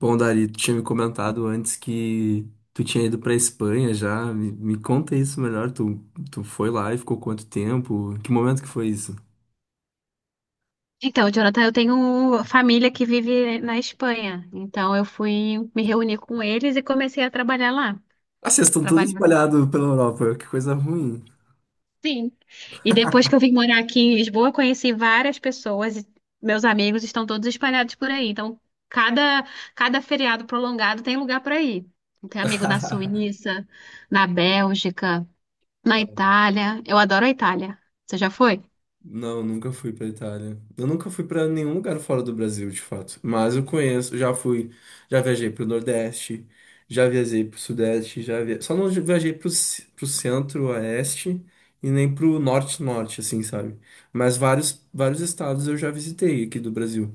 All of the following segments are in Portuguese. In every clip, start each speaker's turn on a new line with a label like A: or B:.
A: Bom, Dari, tu tinha me comentado antes que tu tinha ido pra Espanha já. Me conta isso melhor. Tu foi lá e ficou quanto tempo? Que momento que foi isso?
B: Então, Jonathan, eu tenho família que vive na Espanha. Então, eu fui me reunir com eles e comecei a trabalhar lá.
A: Ah, vocês estão todos
B: Trabalhar.
A: espalhados pela Europa. Que coisa ruim.
B: Sim. E depois que eu vim morar aqui em Lisboa, eu conheci várias pessoas meus amigos estão todos espalhados por aí. Então, cada, cada feriado prolongado tem lugar para ir. Tem amigo na Suíça, na Bélgica, na Itália. Eu adoro a Itália. Você já foi?
A: Não, nunca fui pra Itália. Eu nunca fui pra nenhum lugar fora do Brasil, de fato. Mas eu conheço, já fui, já viajei pro Nordeste, já viajei pro Sudeste, só não viajei pro Centro-Oeste e nem pro Norte-Norte, assim, sabe? Mas vários, vários estados eu já visitei aqui do Brasil.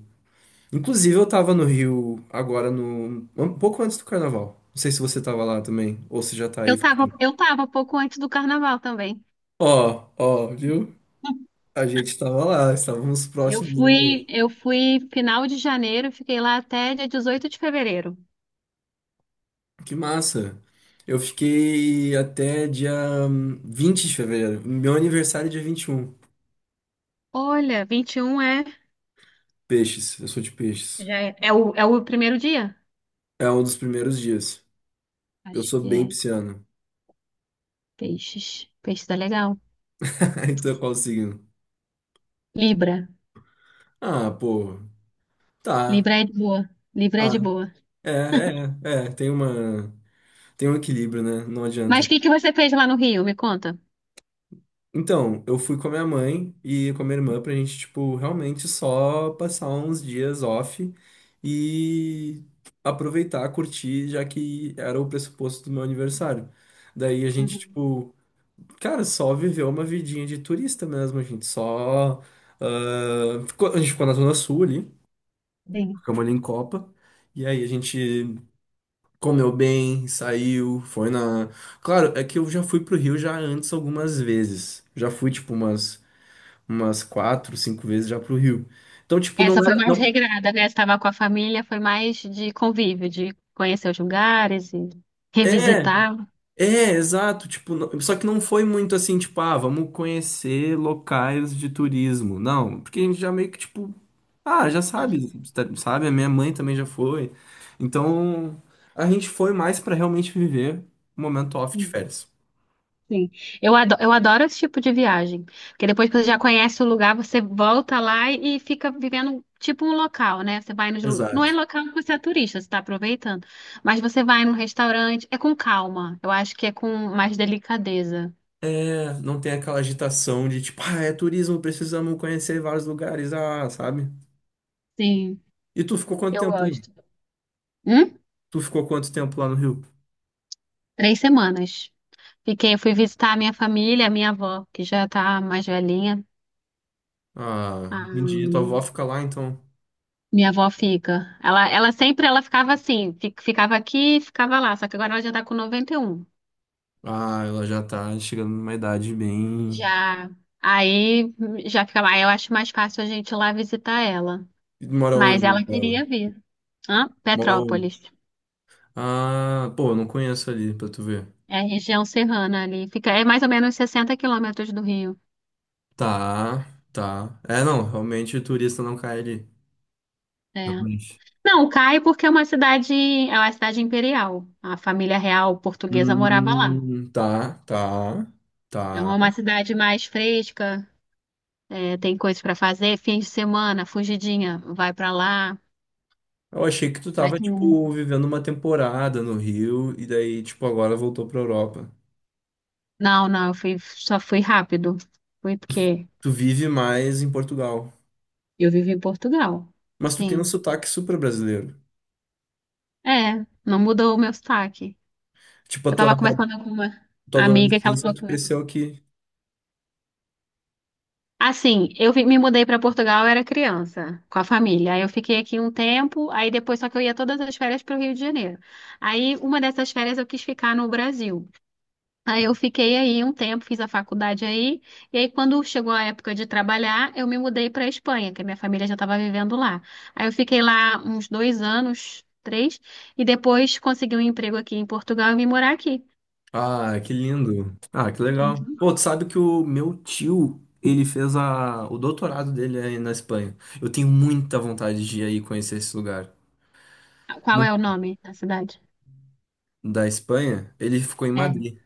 A: Inclusive, eu tava no Rio agora no um pouco antes do Carnaval. Não sei se você tava lá também, ou se já tá aí.
B: Eu tava pouco antes do carnaval também.
A: Ó, ó, viu? A gente tava lá, estávamos
B: Eu
A: próximos.
B: fui, eu fui final de janeiro, fiquei lá até dia 18 de fevereiro.
A: Que massa! Eu fiquei até dia 20 de fevereiro. Meu aniversário é dia 21.
B: Olha, 21 é,
A: Peixes, eu sou de peixes.
B: já é, é o, é o primeiro dia?
A: É um dos primeiros dias. Eu
B: Acho
A: sou
B: que
A: bem
B: é.
A: pisciano.
B: Peixes. Peixe tá legal.
A: Então qual o signo?
B: Libra.
A: Ah, pô. Tá.
B: Libra é de boa. Libra é de
A: Ah,
B: boa.
A: é, é, é. Tem uma, tem um equilíbrio, né? Não
B: Mas
A: adianta.
B: o que que você fez lá no Rio? Me conta.
A: Então, eu fui com a minha mãe e com a minha irmã pra gente, tipo, realmente só passar uns dias off e aproveitar, curtir, já que era o pressuposto do meu aniversário. Daí a gente,
B: Uhum.
A: tipo, cara, só viveu uma vidinha de turista mesmo, a gente só. A gente ficou na Zona Sul ali,
B: Sim.
A: ficamos ali em Copa, e aí a gente comeu bem, saiu, foi na. Claro, é que eu já fui pro Rio já antes algumas vezes. Já fui, tipo, umas quatro, cinco vezes já pro Rio. Então, tipo, não
B: Essa foi
A: era.
B: mais
A: Não,
B: regrada, né? Você estava com a família, foi mais de convívio, de conhecer os lugares e
A: é,
B: revisitar.
A: é, exato. Tipo, só que não foi muito assim, tipo, ah, vamos conhecer locais de turismo. Não, porque a gente já meio que, tipo, ah, já sabe, sabe? A minha mãe também já foi. Então, a gente foi mais pra realmente viver o momento off de
B: Uhum.
A: férias.
B: Sim. Eu adoro esse tipo de viagem. Porque depois que você já conhece o lugar, você volta lá e fica vivendo tipo um local, né? Você vai não é
A: Exato.
B: local que você é turista, você está aproveitando. Mas você vai num restaurante, é com calma. Eu acho que é com mais delicadeza.
A: É, não tem aquela agitação de tipo, ah, é turismo, precisamos conhecer vários lugares, ah, sabe?
B: Sim,
A: E tu ficou quanto
B: eu
A: tempo lá?
B: gosto. Hum?
A: Tu ficou quanto tempo lá no Rio?
B: Três semanas. Fiquei, eu fui visitar a minha família, a minha avó, que já tá mais velhinha.
A: Ah, entendi. Tua avó
B: Aí,
A: fica lá, então.
B: minha avó fica. Ela sempre ela ficava assim, ficava aqui, e ficava lá, só que agora ela já tá com 91.
A: Ah, ela já tá chegando numa idade bem.
B: Já. Aí já fica mais. Eu acho mais fácil a gente ir lá visitar ela.
A: E mora
B: Mas
A: onde
B: ela
A: ela?
B: queria vir. Hã?
A: Mora onde?
B: Petrópolis.
A: Ah, pô, eu não conheço ali, pra tu ver.
B: É a região serrana ali. Fica, é mais ou menos 60 quilômetros do Rio.
A: Tá, tá. É, não, realmente o turista não cai ali.
B: É.
A: Realmente.
B: Não, cai porque é uma cidade imperial. A família real portuguesa morava lá.
A: Tá, tá,
B: Então,
A: tá.
B: é uma cidade mais fresca, é, tem coisas para fazer, fim de semana, fugidinha, vai para lá.
A: Eu achei que tu
B: Aí-
A: tava, tipo, vivendo uma temporada no Rio e daí, tipo, agora voltou pra Europa.
B: Não, não, eu fui, só fui rápido. Fui porque.
A: Tu vive mais em Portugal.
B: Eu vivo em Portugal.
A: Mas tu tem um
B: Sim.
A: sotaque super brasileiro.
B: É, não mudou o meu sotaque.
A: Tipo, a
B: Eu
A: tua
B: tava conversando com uma
A: tua
B: amiga que ela
A: adolescência,
B: falou
A: tu
B: que o meu.
A: cresceu aqui.
B: Assim, me mudei para Portugal, eu era criança, com a família. Aí eu fiquei aqui um tempo, aí depois só que eu ia todas as férias para o Rio de Janeiro. Aí uma dessas férias eu quis ficar no Brasil. Aí eu fiquei aí um tempo, fiz a faculdade aí, e aí quando chegou a época de trabalhar, eu me mudei para a Espanha, que a minha família já estava vivendo lá. Aí eu fiquei lá uns 2 anos, três, e depois consegui um emprego aqui em Portugal e vim morar aqui.
A: Ah, que lindo. Ah, que legal. Pô,
B: Uhum.
A: tu sabe que o meu tio, ele fez o doutorado dele aí na Espanha. Eu tenho muita vontade de ir aí conhecer esse lugar.
B: Qual
A: Hum.
B: é o nome da cidade?
A: Da Espanha, ele ficou em
B: É,
A: Madrid.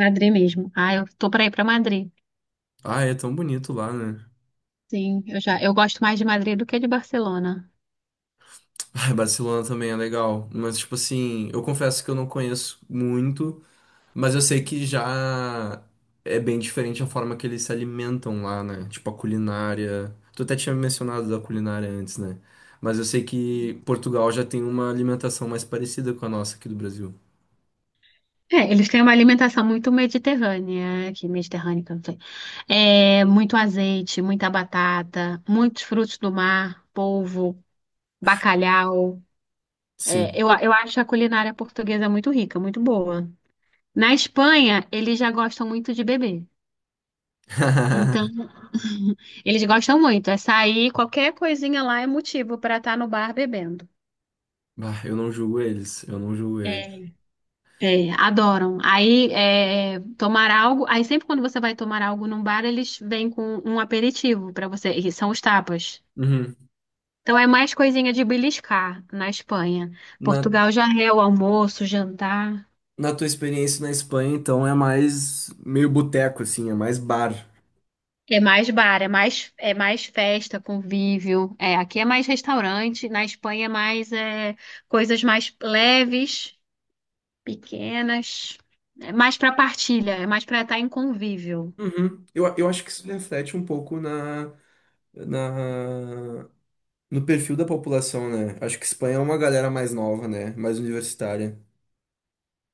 B: Madrid mesmo. Ah, eu tô para ir para Madrid.
A: Ah, é tão bonito lá, né?
B: Sim, eu já, eu gosto mais de Madrid do que de Barcelona.
A: Ah, Barcelona também é legal. Mas, tipo assim, eu confesso que eu não conheço muito. Mas eu sei que já é bem diferente a forma que eles se alimentam lá, né? Tipo a culinária. Tu até tinha mencionado da culinária antes, né? Mas eu sei
B: Uhum.
A: que Portugal já tem uma alimentação mais parecida com a nossa aqui do Brasil.
B: É, eles têm uma alimentação muito mediterrânea, que eu não sei. É, muito azeite, muita batata, muitos frutos do mar, polvo, bacalhau. É,
A: Sim.
B: eu acho a culinária portuguesa muito rica, muito boa. Na Espanha, eles já gostam muito de beber. Então, eles gostam muito. É sair, qualquer coisinha lá é motivo para estar no bar bebendo.
A: Bah, eu não julgo eles, eu não julgo eles.
B: É, é, adoram. Aí, tomar algo. Aí, sempre quando você vai tomar algo num bar, eles vêm com um aperitivo pra você, e são os tapas.
A: Uhum.
B: Então, é mais coisinha de beliscar na Espanha.
A: Na,
B: Portugal já é o almoço, jantar.
A: na tua experiência na Espanha, então, é mais meio boteco, assim, é mais bar.
B: É mais bar, é mais festa, convívio. É, aqui é mais restaurante. Na Espanha é mais coisas mais leves, pequenas. É mais pra partilha, é mais pra estar em convívio.
A: Uhum. Eu acho que isso reflete um pouco na, na no perfil da população, né? Acho que Espanha é uma galera mais nova, né? Mais universitária.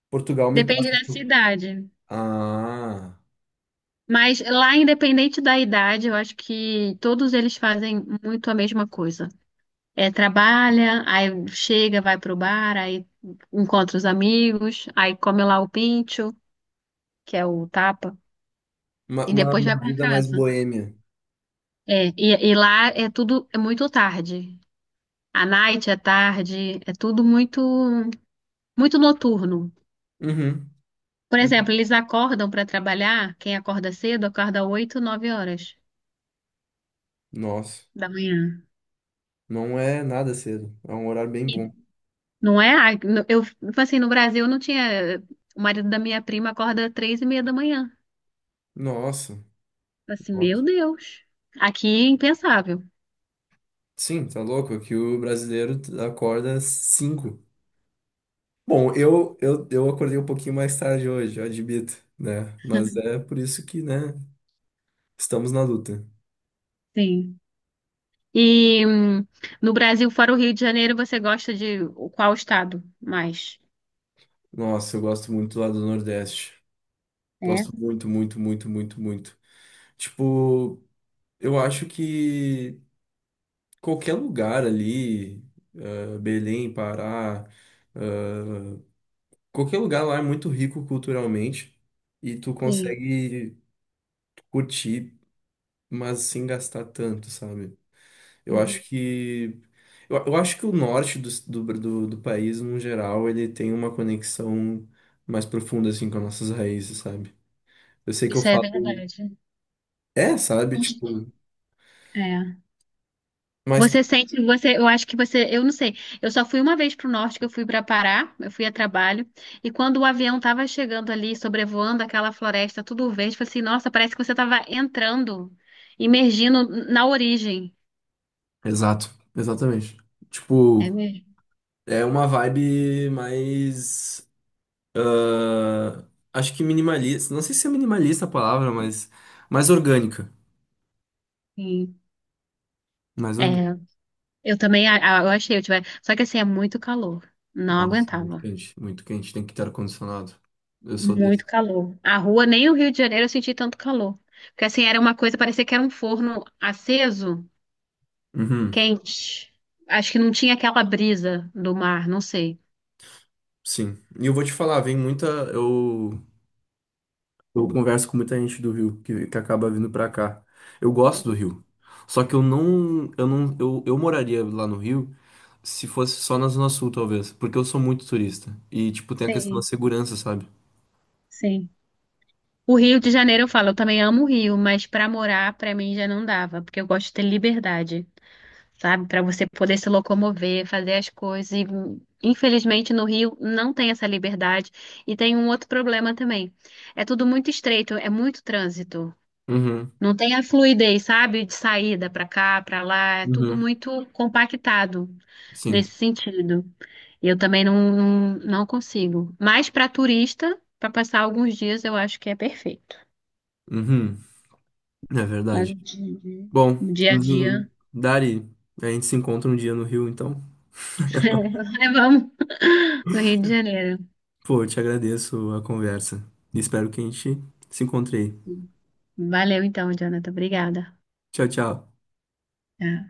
A: Portugal me
B: Depende
A: passa.
B: da cidade.
A: Ah,
B: Mas lá, independente da idade, eu acho que todos eles fazem muito a mesma coisa. É, trabalha, aí chega, vai pro bar, aí encontra os amigos, aí come lá o pincho, que é o tapa,
A: uma,
B: e
A: uma,
B: depois vai
A: uma
B: pra
A: vida mais
B: casa.
A: boêmia.
B: É, e lá é tudo muito tarde. A night é tarde, é tudo muito muito noturno.
A: Uhum.
B: Por
A: Uhum.
B: exemplo, eles acordam para trabalhar, quem acorda cedo acorda 8 9 horas
A: Nossa,
B: da manhã.
A: não é nada cedo. É um horário bem
B: E
A: bom.
B: não é? Ah, eu, tipo assim, no Brasil não tinha. O marido da minha prima acorda às 3h30 da manhã.
A: Nossa.
B: Assim,
A: Nossa.
B: meu Deus. Aqui é impensável.
A: Sim, tá louco? Que o brasileiro acorda às 5. Bom, eu acordei um pouquinho mais tarde hoje, eu admito, né? Mas é por isso que, né? Estamos na luta.
B: Sim. E no Brasil, fora o Rio de Janeiro, você gosta de qual estado mais?
A: Nossa, eu gosto muito lá do Nordeste.
B: É?
A: Gosto muito, muito, muito, muito, muito. Tipo, eu acho que qualquer lugar ali, eh, Belém, Pará, eh, qualquer lugar lá é muito rico culturalmente e tu
B: Sim.
A: consegue curtir, mas sem gastar tanto, sabe? Eu acho
B: Uhum.
A: que eu acho que o norte do país, no geral, ele tem uma conexão mais profunda assim com as nossas raízes, sabe? Eu sei que eu
B: Isso é
A: falo,
B: verdade.
A: é, sabe,
B: Os-
A: tipo,
B: É.
A: mais.
B: Você sente, você, eu acho que você, eu não sei. Eu só fui uma vez para o norte, que eu fui para Pará, eu fui a trabalho, e quando o avião estava chegando ali, sobrevoando aquela floresta, tudo verde, eu falei assim, nossa, parece que você estava entrando, imergindo na origem.
A: Exato, exatamente.
B: É
A: Tipo,
B: mesmo?
A: é uma vibe mais. Ah, acho que minimalista. Não sei se é minimalista a palavra, mas mais orgânica.
B: Sim.
A: Mais orgânica.
B: É, eu também, eu achei, eu tive, só que assim, é muito calor. Não
A: Nossa, muito
B: aguentava.
A: quente. Muito quente, tem que ter ar-condicionado. Eu sou
B: Muito
A: desse.
B: calor. A rua, nem o Rio de Janeiro eu senti tanto calor. Porque assim, era uma coisa, parecia que era um forno aceso.
A: Uhum,
B: Quente. Acho que não tinha aquela brisa do mar, não sei.
A: sim. E eu vou te falar, vem muita. Eu, eu converso com muita gente do Rio que acaba vindo pra cá. Eu gosto do Rio. Só que eu não. Eu não. Eu moraria lá no Rio. Se fosse só na Zona Sul, talvez. Porque eu sou muito turista. E, tipo, tem a questão da
B: Sim,
A: segurança, sabe?
B: sim. O Rio de Janeiro, eu falo, eu também amo o Rio, mas pra morar, pra mim já não dava, porque eu gosto de ter liberdade, sabe? Pra você poder se locomover, fazer as coisas. E, infelizmente, no Rio não tem essa liberdade. E tem um outro problema também. É tudo muito estreito, é muito trânsito.
A: Uhum.
B: Não tem a fluidez, sabe? De saída pra cá, pra lá, é tudo
A: Uhum.
B: muito compactado
A: Sim.
B: nesse sentido. Eu também não, não, não consigo. Mas para turista, para passar alguns dias, eu acho que é perfeito.
A: Uhum. É
B: Mas o
A: verdade.
B: dia,
A: Bom,
B: o dia a dia,
A: Dari, a gente se encontra um dia no Rio, então.
B: levamos no Rio de Janeiro.
A: Pô, eu te agradeço a conversa. E espero que a gente se encontre aí.
B: Valeu então, Jonathan. Obrigada.
A: Tchau, tchau.
B: Tá.